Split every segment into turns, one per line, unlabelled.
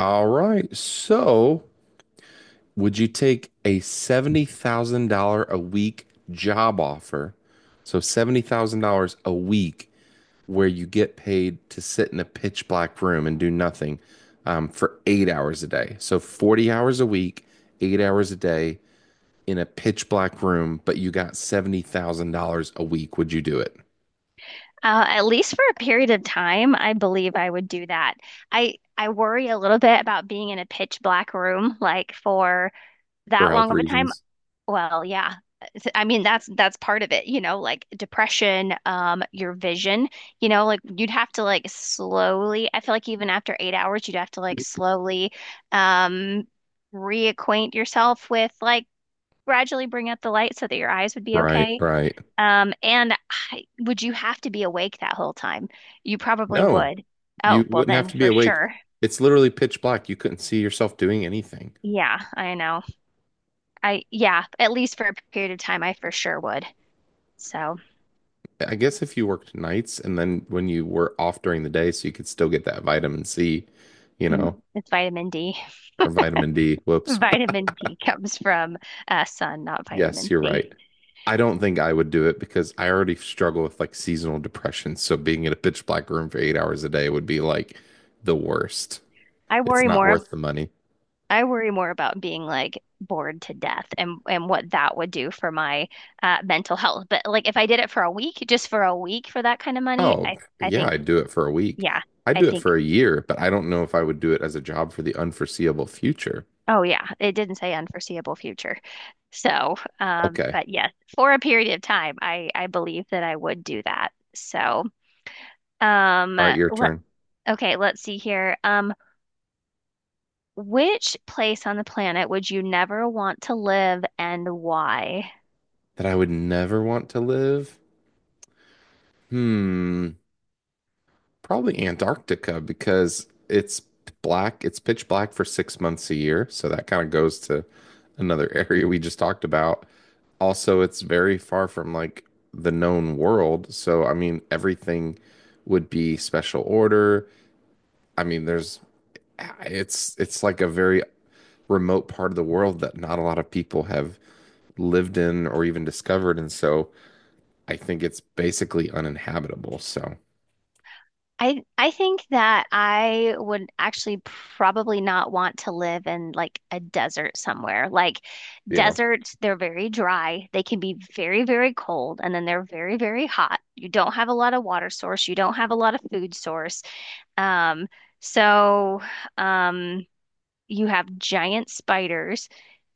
All right. So, would you take a $70,000 a week job offer? So, $70,000 a week where you get paid to sit in a pitch black room and do nothing for 8 hours a day. So, 40 hours a week, 8 hours a day in a pitch black room, but you got $70,000 a week. Would you do it
At least for a period of time, I believe I would do that. I worry a little bit about being in a pitch black room like for
for
that
health
long of a time.
reasons?
Well, yeah, I mean, that's part of it, like depression, your vision, like you'd have to like slowly, I feel like even after 8 hours, you'd have to like slowly, um, reacquaint yourself with like gradually bring up the light so that your eyes would be
Right,
okay.
right.
And would you have to be awake that whole time? You probably
No,
would. Oh,
you
well
wouldn't have
then
to be
for
awake.
sure.
It's literally pitch black. You couldn't see yourself doing anything.
Yeah, I know. Yeah, at least for a period of time, I for sure would. So
I guess if you worked nights and then when you were off during the day, so you could still get that vitamin C, you
mm,
know,
it's vitamin D.
or vitamin D. Whoops.
Vitamin D comes from sun, not
Yes,
vitamin
you're
C.
right. I don't think I would do it because I already struggle with like seasonal depression. So being in a pitch black room for 8 hours a day would be like the worst.
I
It's
worry
not
more.
worth the money.
I worry more about being like bored to death and what that would do for my mental health. But like if I did it for a week, just for a week for that kind of money,
Oh,
I
yeah,
think.
I'd do it for a week.
Yeah,
I'd
I
do it
think
for a year, but I don't know if I would do it as a job for the unforeseeable future.
oh yeah, it didn't say unforeseeable future.
Okay.
But yes, for a period of time, I believe that I would do that. So, um,
All right, your
let
turn.
okay, let's see here. Which place on the planet would you never want to live and why?
That I would never want to live? Hmm. Probably Antarctica because it's black, it's pitch black for 6 months a year. So that kind of goes to another area we just talked about. Also, it's very far from like the known world. So, I mean, everything would be special order. I mean, there's it's like a very remote part of the world that not a lot of people have lived in or even discovered, and so I think it's basically uninhabitable. So
I think that I would actually probably not want to live in like a desert somewhere. Like
yeah,
deserts, they're very dry. They can be very, very cold, and then they're very, very hot. You don't have a lot of water source. You don't have a lot of food source. Um, so um you have giant spiders.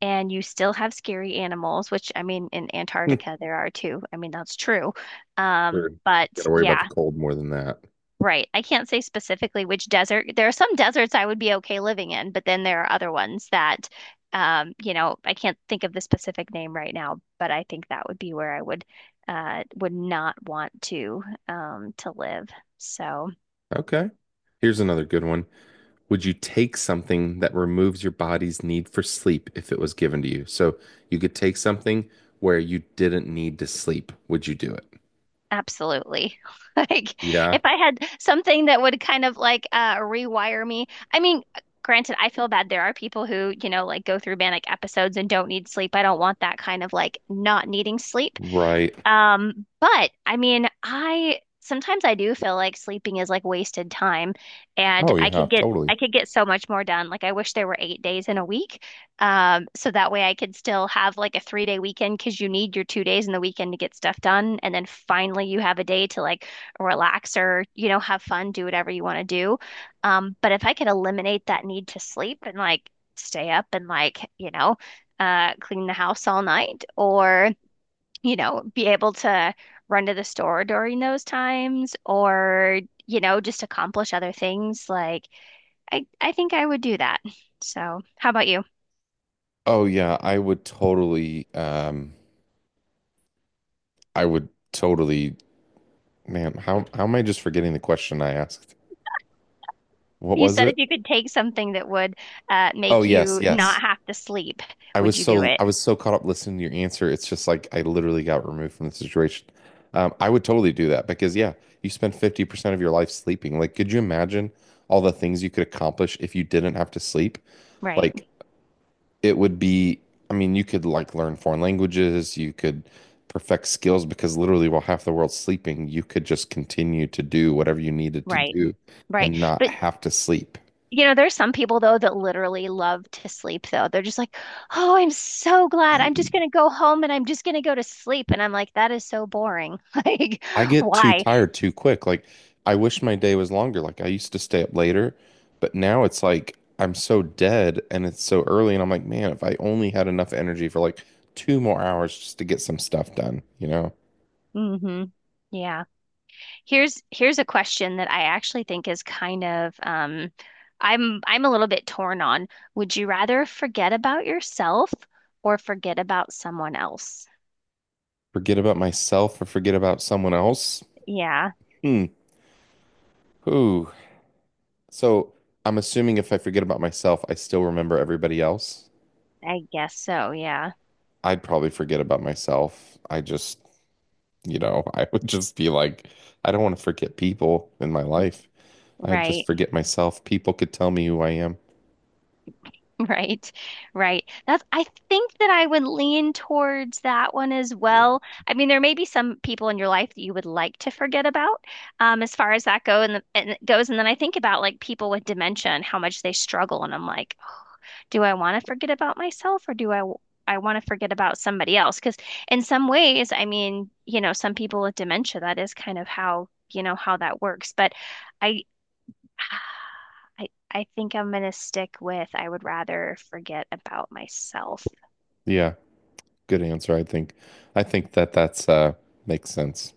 And you still have scary animals, which I mean, in Antarctica there are too. I mean, that's true.
sure.
But
Got to worry about
yeah,
the cold more than that.
right. I can't say specifically which desert. There are some deserts I would be okay living in, but then there are other ones that, I can't think of the specific name right now, but I think that would be where I would not want to live. So.
Okay. Here's another good one. Would you take something that removes your body's need for sleep if it was given to you? So you could take something where you didn't need to sleep. Would you do it?
Absolutely. Like
Yeah.
if I had something that would kind of like rewire me. I mean, granted, I feel bad. There are people who like go through manic episodes and don't need sleep. I don't want that kind of like not needing sleep.
Right.
But I mean, I sometimes I do feel like sleeping is like wasted time and
Oh,
I
yeah,
could get
totally.
I could get so much more done. Like I wish there were 8 days in a week. So that way I could still have like a 3-day weekend because you need your 2 days in the weekend to get stuff done. And then finally you have a day to like relax or, you know, have fun, do whatever you want to do. But if I could eliminate that need to sleep and like stay up and like, clean the house all night or be able to run to the store during those times or, just accomplish other things. Like I think I would do that. So how about you?
Oh yeah, I would totally I would totally. Man, how am I just forgetting the question I asked? What
You
was
said
it?
if you could take something that would
Oh
make
yes,
you
yes.
not have to sleep, would you do it?
I was so caught up listening to your answer. It's just like I literally got removed from the situation. I would totally do that because yeah, you spend 50% of your life sleeping. Like, could you imagine all the things you could accomplish if you didn't have to sleep?
Right,
Like it would be, I mean, you could like learn foreign languages, you could perfect skills because literally while half the world's sleeping, you could just continue to do whatever you needed to
right,
do
right.
and not
But
have to sleep.
you know, there's some people though that literally love to sleep though. They're just like, "Oh, I'm so glad. I'm just gonna go home and I'm just gonna go to sleep." And I'm like, that is so boring. Like,
I get too
why?
tired too quick. Like, I wish my day was longer. Like, I used to stay up later, but now it's like I'm so dead and it's so early. And I'm like, man, if I only had enough energy for like two more hours just to get some stuff done, you know,
Hmm. Yeah. Here's a question that I actually think is kind of I'm a little bit torn on. Would you rather forget about yourself or forget about someone else?
forget about myself or forget about someone else.
Yeah,
Hmm. Ooh. So I'm assuming if I forget about myself, I still remember everybody else.
I guess so. Yeah.
I'd probably forget about myself. I just, you know, I would just be like, I don't want to forget people in my life. I'd just
Right.
forget myself. People could tell me who I am.
Right. Right. That's I think that I would lean towards that one as well. I mean, there may be some people in your life that you would like to forget about, as far as that go and it goes. And then I think about like people with dementia and how much they struggle, and I'm like, do I want to forget about myself or do I want to forget about somebody else? Because in some ways, I mean, you know, some people with dementia, that is kind of how, you know, how that works. But I I think I'm gonna stick with I would rather forget about myself.
Yeah, good answer, I think. I think that that's makes sense.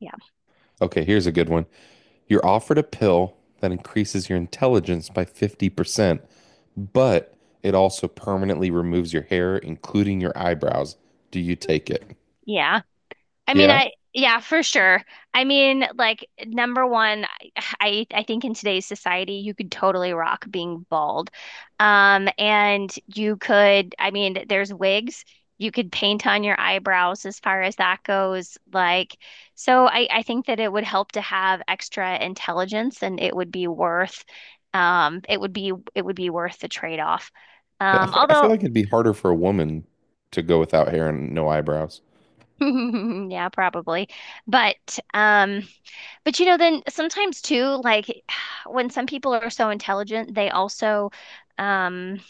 Yeah.
Okay, here's a good one. You're offered a pill that increases your intelligence by 50%, but it also permanently removes your hair, including your eyebrows. Do you take it?
Yeah. I mean,
Yeah.
I yeah, for sure. I mean, like number one, I think in today's society, you could totally rock being bald. And you could, I mean, there's wigs. You could paint on your eyebrows as far as that goes. Like, so I think that it would help to have extra intelligence, and it would be worth, it would be worth the trade-off.
Yeah, I think I feel
Although,
like it'd be harder for a woman to go without hair and no eyebrows.
yeah, probably, but um. But you know, then sometimes too, like when some people are so intelligent, they also um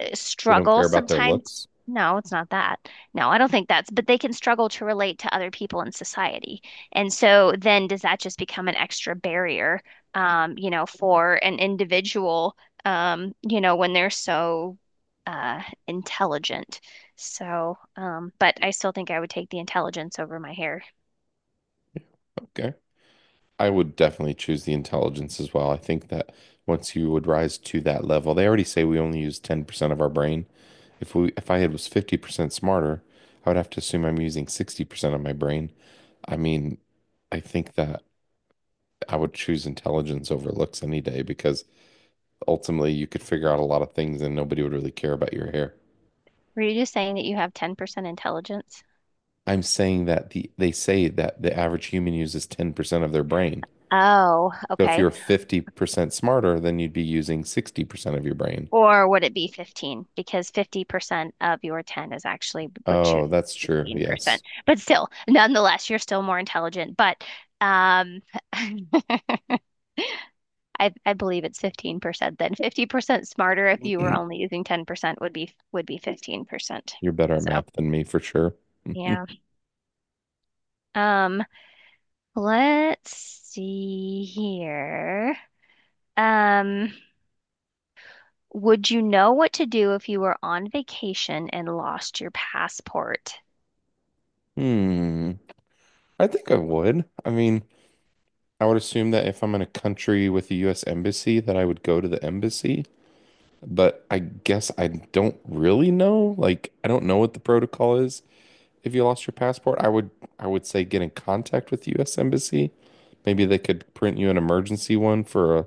They don't care
struggle
about their
sometimes.
looks.
No, it's not that. No, I don't think but they can struggle to relate to other people in society. And so then does that just become an extra barrier, you know, for an individual, you know, when they're so uh intelligent. But I still think I would take the intelligence over my hair.
Yeah, okay. I would definitely choose the intelligence as well. I think that once you would rise to that level, they already say we only use 10% of our brain. If I had was 50% smarter, I would have to assume I'm using 60% of my brain. I mean, I think that I would choose intelligence over looks any day because ultimately you could figure out a lot of things and nobody would really care about your hair.
Were you just saying that you have 10% intelligence?
I'm saying that they say that the average human uses 10% of their brain.
Oh,
So if
okay.
you're 50% smarter, then you'd be using 60% of your brain.
Or would it be 15? Because 50% of your 10 is actually what you.
Oh, that's true.
15%.
Yes.
But still, nonetheless, you're still more intelligent. But um, I, I believe it's 15% then. 50% smarter if you were only using 10% would be 15%.
You're better at
So,
math than me for sure.
yeah. Um, let's see here. Um, would you know what to do if you were on vacation and lost your passport?
Hmm. I think I would. I mean, I would assume that if I'm in a country with a US embassy, that I would go to the embassy. But I guess I don't really know. Like, I don't know what the protocol is. If you lost your passport, I would, I would say get in contact with the U.S. Embassy. Maybe they could print you an emergency one for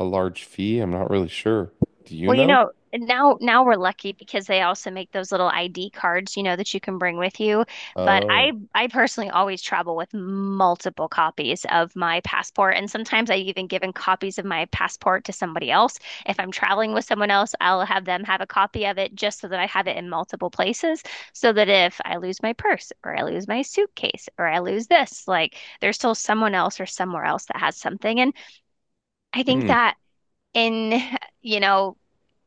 a large fee. I'm not really sure. Do you
Well, you
know?
know, now we're lucky because they also make those little ID cards, you know, that you can bring with you. But
Oh,
I personally always travel with multiple copies of my passport, and sometimes I've even given copies of my passport to somebody else. If I'm traveling with someone else, I'll have them have a copy of it just so that I have it in multiple places, so that if I lose my purse or I lose my suitcase or I lose this, like there's still someone else or somewhere else that has something. And I think
hmm,
that in, you know,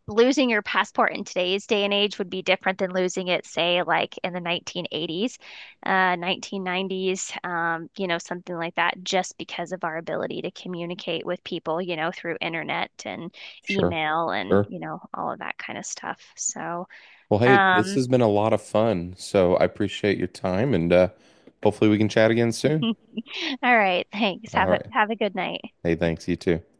losing your passport in today's day and age would be different than losing it, say, like in the 1980s, 1990s, you know, something like that, just because of our ability to communicate with people, you know, through internet and
sure,
email and,
sure.
you know, all of that kind of stuff.
Well, hey, this
Um,
has been a lot of fun, so I appreciate your time, and hopefully we can chat again soon.
all right, thanks.
All
Have a
right.
good night.
Hey, thanks, you too.